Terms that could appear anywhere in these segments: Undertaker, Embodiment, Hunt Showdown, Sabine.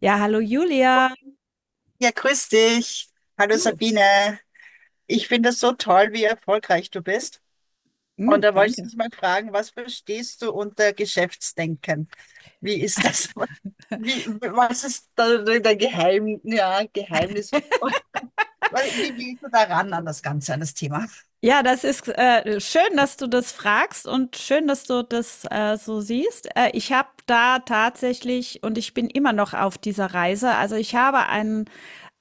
Ja, hallo Julia. Ja, grüß dich. Hallo Du, Sabine. Ich finde es so toll, wie erfolgreich du bist. Und mm, da wollte ich danke. dich mal fragen, was verstehst du unter Geschäftsdenken? Wie ist das? Wie, was ist da dein Geheimnis? Weil, wie gehst du daran, an das Ganze, an das Thema? Ja, das ist schön, dass du das fragst und schön, dass du das so siehst. Ich habe da tatsächlich und ich bin immer noch auf dieser Reise. Also ich habe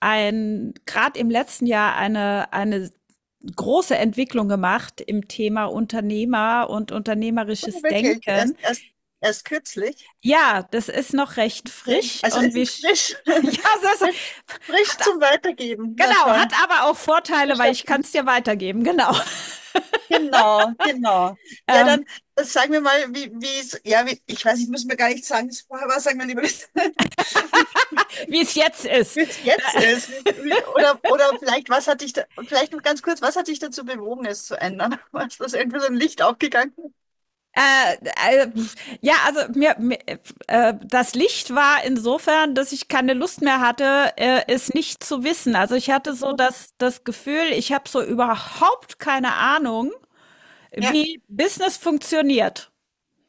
ein gerade im letzten Jahr eine große Entwicklung gemacht im Thema Unternehmer und Oh, unternehmerisches wirklich, Denken. Erst kürzlich. Ja, das ist noch recht Okay. frisch Also und es wir ist frisch, ja, das frisch, frisch hat zum Weitergeben. Na Genau, hat toll. aber auch Vorteile, weil Bestimmt. ich kann es dir weitergeben, genau. Genau. Ja, Ähm, dann sagen wir mal, wie, ich weiß, ich muss mir gar nicht sagen, was vorher war, sagen wir lieber, wie Wie es jetzt ist. wie es jetzt ist. Oder vielleicht, was hat dich da, vielleicht noch ganz kurz, was hat dich dazu bewogen, es zu ändern? Was, das irgendwie so ein Licht aufgegangen? Äh, äh, ja, also mir, mir das Licht war insofern, dass ich keine Lust mehr hatte, es nicht zu wissen. Also ich hatte so das Gefühl, ich habe so überhaupt keine Ahnung, Ja, wie Business funktioniert.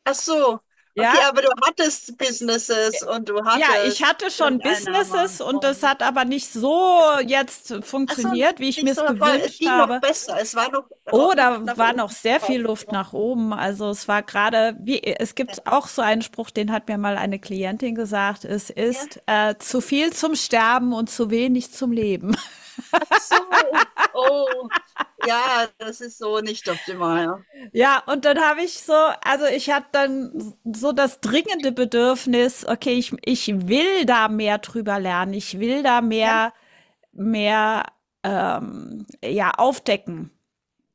ach so. Okay, Ja, aber du hattest Businesses und du ja, ich hattest hatte genug schon Einnahmen Businesses und das und, hat aber nicht also, so jetzt ach so, funktioniert, wie ich mir nicht so, es voll, es gewünscht ging noch habe. besser. Es war noch Oh, da Luft nach war noch oben. sehr viel Luft nach oben. Also es war gerade, wie, es gibt auch so einen Spruch, den hat mir mal eine Klientin gesagt, es Ja. ist zu viel zum Sterben und zu wenig zum Leben. So, oh, ja, das ist so nicht optimal. Ja, und dann habe ich so, also ich hatte dann so das dringende Bedürfnis, okay, ich will da mehr drüber lernen, ich will da Ja, mehr, mehr ja, aufdecken.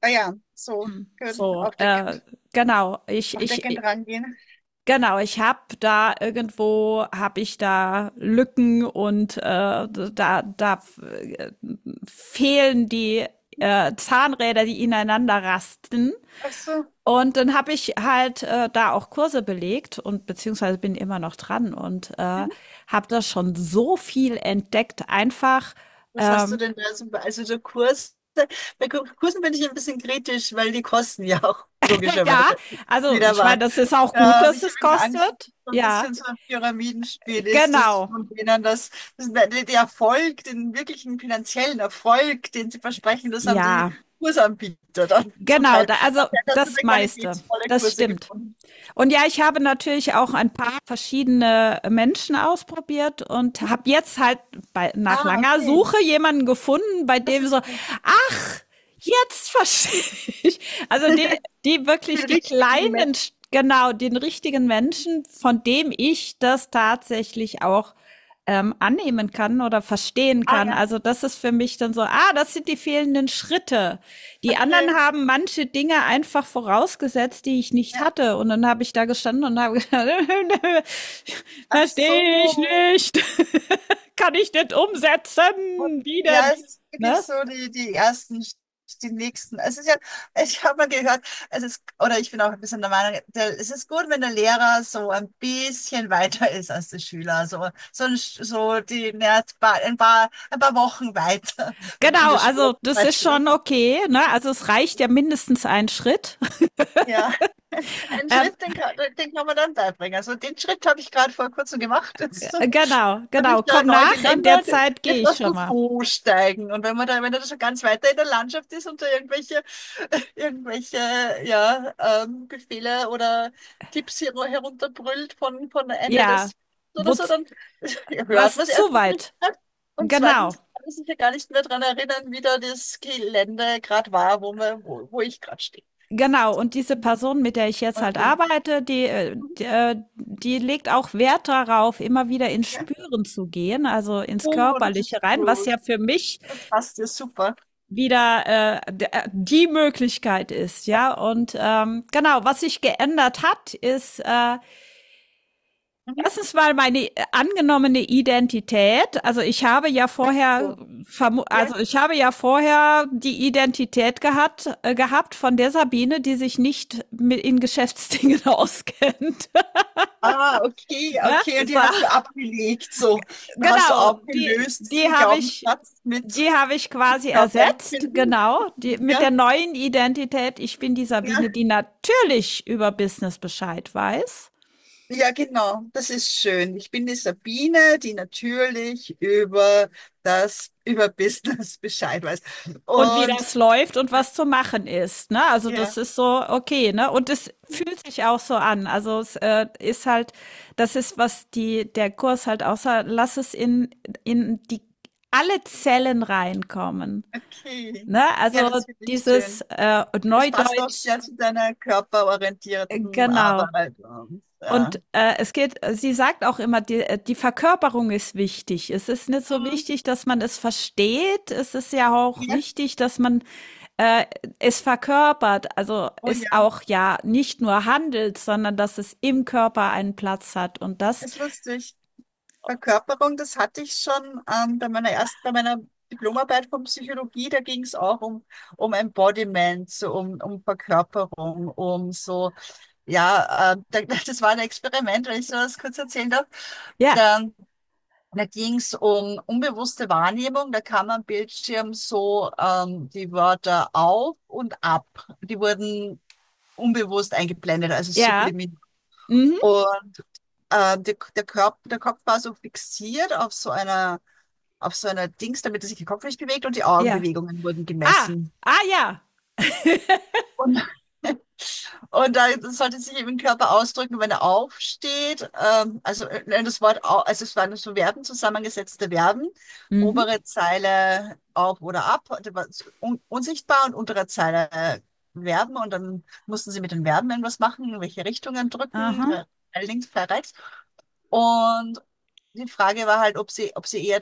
ah ja, so, gut, So, genau. Aufdeckend rangehen. genau, ich habe da irgendwo habe ich da Lücken und da da äh, fehlen die Zahnräder, die ineinander rasten. Ach so. Und dann habe ich halt da auch Kurse belegt und beziehungsweise bin immer noch dran und Mhm. habe da schon so viel entdeckt. Einfach, Was hast du ähm, denn da so, also so Kurse? Bei Kursen bin ich ein bisschen kritisch, weil die kosten ja auch ja, logischerweise also wieder ich meine, was. das ist Und auch gut, da habe dass ich es irgendwie Angst, dass kostet. es so ein Ja, bisschen so ein Pyramidenspiel ist, dass genau. von denen das, das der Erfolg, den wirklichen finanziellen Erfolg, den sie versprechen, das haben die Ja, Kursanbieter dann zum genau, Teil. da, also Also er hat so das eine meiste. qualitätsvolle Das Kurse stimmt. gefunden. Und ja, ich habe natürlich auch ein paar verschiedene Menschen ausprobiert und habe jetzt halt bei, nach Ah, langer okay. Suche jemanden gefunden, bei Das dem so, ist gut. ach, jetzt verstehe ich. Also die wirklich Den die richtigen kleinen Match. st genau, den richtigen Menschen, von dem ich das tatsächlich auch, annehmen kann oder verstehen Ah kann. ja, Also das ist für mich dann so, ah, das sind die fehlenden Schritte. Die okay. anderen haben manche Dinge einfach vorausgesetzt, die ich nicht Ja. hatte. Und dann habe ich da gestanden und habe gedacht, Ach verstehe ich so. nicht. Kann ich nicht umsetzen. Und Wie ja, denn? es ist Ne? wirklich so die nächsten. Es ist ja, ich habe mal gehört, es ist, oder ich bin auch ein bisschen der Meinung, es ist gut, wenn der Lehrer so ein bisschen weiter ist als der Schüler. So, so, ein, so die, ne, ein paar Wochen weiter in Genau, der Schule also zum das ist Beispiel. schon okay, ne? Also es reicht ja mindestens ein Schritt. Ja, einen Ähm, Schritt, den kann man dann beibringen. Also den Schritt habe ich gerade vor kurzem gemacht. Jetzt genau, bin genau. ich da Komm neu nach, in der gelandet. Zeit gehe Jetzt ich lass schon du mal. so steigen. Und wenn man da, wenn er da schon ganz weiter in der Landschaft ist und da irgendwelche, irgendwelche, ja, Befehle oder Tipps hier nur herunterbrüllt von Ende Ja, des oder wo, so, dann hört man was es zu erstens nicht weit. mehr. Und zweitens Genau, kann ich mich ja gar nicht mehr daran erinnern, wie da das Gelände gerade war, wo ich gerade stehe. genau. Und diese Person, mit der ich jetzt halt Oder arbeite, die legt auch Wert darauf, immer wieder ins ja. Spüren zu gehen, also ins Oh, das Körperliche ist rein, was ja gut. für mich Das passt ja super. wieder die Möglichkeit ist, Ja. ja. Und genau, was sich geändert hat, ist Mhm. erstens mal meine angenommene Identität. Also ich habe ja vorher, So. Ja. also ich habe ja vorher die Identität gehabt, von der Sabine, die sich nicht mit in Geschäftsdingen auskennt. Ah, Ja, okay, die so. hast du abgelegt. So, da hast du Genau, aufgelöst diesen Glaubenssatz mit die habe ich quasi ersetzt. Körperempfinden. Genau, die, mit Ja, der neuen Identität. Ich bin die ja, Sabine, die natürlich über Business Bescheid weiß. ja, genau. Das ist schön. Ich bin die Sabine, die natürlich über das, über Business Bescheid weiß. Und wie Und das läuft und was zu machen ist, ne? Also das ja, ist so okay, ne? Und es ja. fühlt sich auch so an. Also es ist halt, das ist, was der Kurs halt auch sagt, lass es in die alle Zellen reinkommen. Okay. Ne? Ja, Also das finde ich dieses schön. Es passt auch Neudeutsch, sehr zu deiner körperorientierten genau. Arbeit und Und ja. Es geht, sie sagt auch immer, die Verkörperung ist wichtig. Es ist nicht so Mhm. wichtig, dass man es versteht. Es ist ja auch Ja, wichtig, dass man äh, es verkörpert, also oh ist ja, auch ja nicht nur handelt, sondern dass es im Körper einen Platz hat und das, ist lustig. Verkörperung, das hatte ich schon bei meiner ersten, bei meiner Diplomarbeit von Psychologie, da ging es auch um Embodiment, so um Verkörperung, um so, ja, das war ein Experiment, wenn ich so was kurz erzählen darf. ja, Da Da ging es um unbewusste Wahrnehmung. Da kam am Bildschirm so die Wörter auf und ab. Die wurden unbewusst eingeblendet, also ja, sublimiert. mhm, Und der Körper, der Kopf war so fixiert auf so einer Dings, damit er sich der Kopf nicht bewegt, und die ja, Augenbewegungen wurden ah, gemessen. ah, ja, Und Und da sollte sich eben im Körper ausdrücken, wenn er aufsteht. Das Wort, also es waren so Verben, zusammengesetzte Verben. mhm, Obere Zeile auf oder ab, das war so un unsichtbar, und untere Zeile Verben. Und dann mussten sie mit den Verben irgendwas machen, in welche Richtungen drücken, aha, links, frei, rechts. Und die Frage war halt, ob sie eher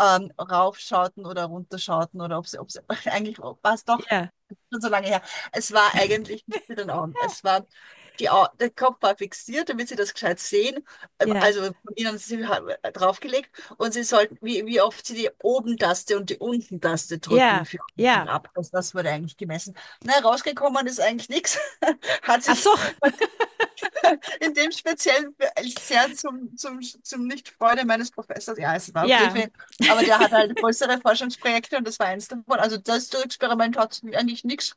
raufschauten oder runterschauten oder ob sie eigentlich war es doch ja, schon so lange her. Es war eigentlich nicht mit den Augen. Es war, die Au der Kopf war fixiert, damit sie das gescheit sehen. Ja, Also von ihnen haben sie draufgelegt und sie sollten, wie oft sie die Oben-Taste und die Unten-Taste ja, drücken für unten ja, ab. Das wurde eigentlich gemessen. Na, rausgekommen ist eigentlich nichts. Hat ach sich, so, in dem speziellen sehr zum, zum nicht Freude meines Professors. Ja, es war okay für ja, ihn. Aber der hat halt größere Forschungsprojekte und das war eins davon. Also das Experiment hat eigentlich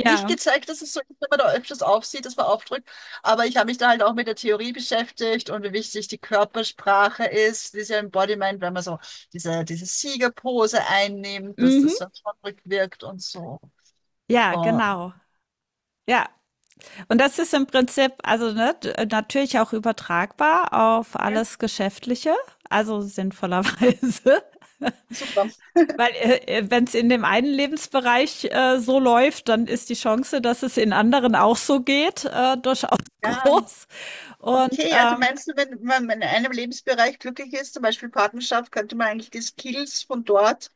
nicht gezeigt, dass es so ist, wenn man da öfters aufsieht, dass man aufdrückt. Aber ich habe mich da halt auch mit der Theorie beschäftigt, und wie wichtig die Körpersprache ist, diese Embodiment, wenn man so diese Siegerpose einnimmt, dass mhm, das dann schon rückwirkt und so. ja, Oh. genau, ja. Und das ist im Prinzip, also ne, natürlich auch übertragbar auf Ja, alles Geschäftliche, also sinnvollerweise. super. Weil wenn es in dem einen Lebensbereich so läuft, dann ist die Chance, dass es in anderen auch so geht, durchaus Ja. groß. Und Okay, also meinst du, wenn man in einem Lebensbereich glücklich ist, zum Beispiel Partnerschaft, könnte man eigentlich die Skills von dort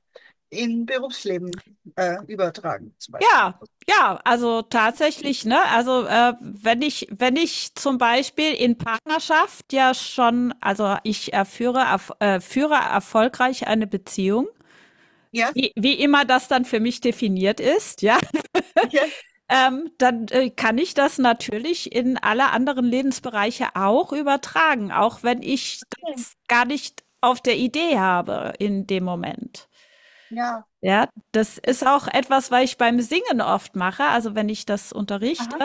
in Berufsleben übertragen, zum Beispiel? ja, ja, also tatsächlich, ne? Also wenn ich zum Beispiel in Partnerschaft ja schon, also ich führe erfolgreich eine Beziehung, Ja, wie immer das dann für mich definiert ist, ja, ja, dann kann ich das natürlich in alle anderen Lebensbereiche auch übertragen, auch wenn ich das gar nicht auf der Idee habe in dem Moment. ja. Ja, das ist Das, auch etwas, was ich beim Singen oft mache. Also wenn ich das unterrichte, aha,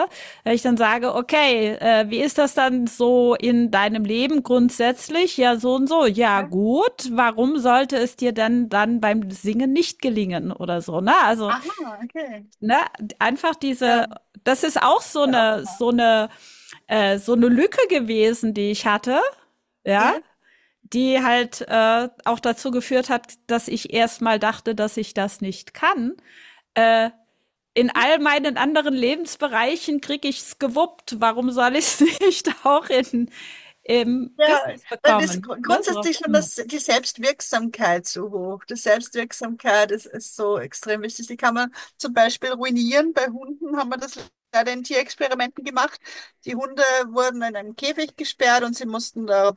wenn ich dann sage, okay, wie ist das dann so in deinem Leben grundsätzlich? Ja, so und so. Ja, ja. gut. Warum sollte es dir denn dann beim Singen nicht gelingen oder so? Ne? Also Aha, okay. ne, einfach diese, Ja, das ist auch so ja, auch. eine, so eine Lücke gewesen, die ich hatte, ja, Ja. die halt auch dazu geführt hat, dass ich erstmal dachte, dass ich das nicht kann. In all meinen anderen Lebensbereichen kriege ich's gewuppt. Warum soll ich's nicht auch im Ja, Business weil das bekommen? Ne, so. grundsätzlich schon Hm. das, die Selbstwirksamkeit so hoch. Die Selbstwirksamkeit ist, ist so extrem wichtig. Die kann man zum Beispiel ruinieren. Bei Hunden haben wir das leider in Tierexperimenten gemacht. Die Hunde wurden in einem Käfig gesperrt und sie mussten da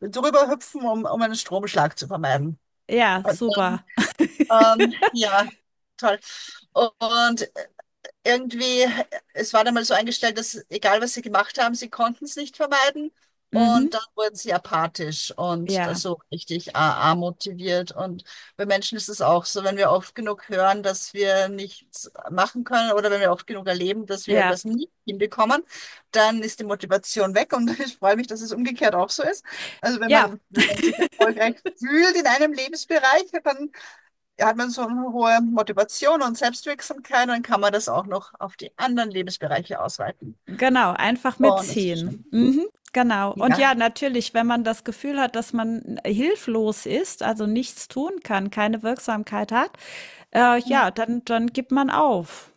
drüber hüpfen, um einen Stromschlag zu vermeiden. Ja, Und super. dann, ja, toll. Und irgendwie, es war dann mal so eingestellt, dass egal was sie gemacht haben, sie konnten es nicht vermeiden. Mhm. Und dann wurden sie apathisch und das Ja, so richtig amotiviert. Und bei Menschen ist es auch so, wenn wir oft genug hören, dass wir nichts machen können, oder wenn wir oft genug erleben, dass wir ja. irgendwas nie hinbekommen, dann ist die Motivation weg. Und ich freue mich, dass es umgekehrt auch so ist. Also wenn Ja, man, wenn man sich erfolgreich fühlt in einem Lebensbereich, dann hat man so eine hohe Motivation und Selbstwirksamkeit, dann kann man das auch noch auf die anderen Lebensbereiche ausweiten. genau, einfach Und das ist mitziehen. schön. Mhm, genau. Und Ja. ja, natürlich, wenn man das Gefühl hat, dass man hilflos ist, also nichts tun kann, keine Wirksamkeit hat, Mhm, ja, dann gibt man auf.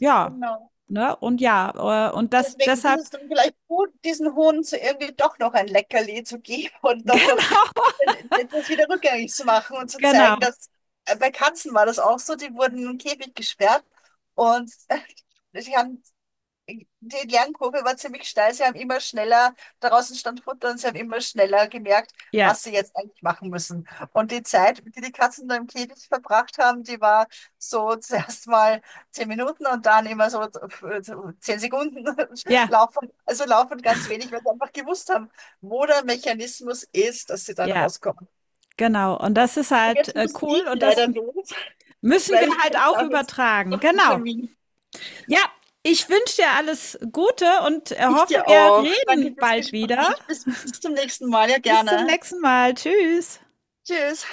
Ja, genau. ne? Und ja, und das Deswegen ist deshalb es dann vielleicht gut, diesen Hunden so irgendwie doch noch ein Leckerli zu geben und doch noch genau, das wieder rückgängig zu machen und zu zeigen, genau. dass bei Katzen war das auch so, die wurden in den Käfig gesperrt und die haben die Lernkurve war ziemlich steil. Sie haben immer schneller, draußen stand Futter, und sie haben immer schneller gemerkt, Ja, was sie jetzt eigentlich machen müssen. Und die Zeit, die die Katzen da im Käfig verbracht haben, die war so zuerst mal 10 Minuten und dann immer so so 10 Sekunden ja, laufen, also laufen ganz wenig, weil sie einfach gewusst haben, wo der Mechanismus ist, dass sie dann ja, rauskommen. genau. Und das ist Und halt, jetzt muss cool ich und das leider los, müssen weil wir ich halt auch habe jetzt übertragen. noch einen Genau. Termin. Ja, ich wünsche dir alles Gute und, Ich hoffe, dir wir auch. Danke reden fürs bald wieder. Gespräch. Bis zum nächsten Mal. Ja, Bis zum gerne. nächsten Mal. Tschüss. Tschüss.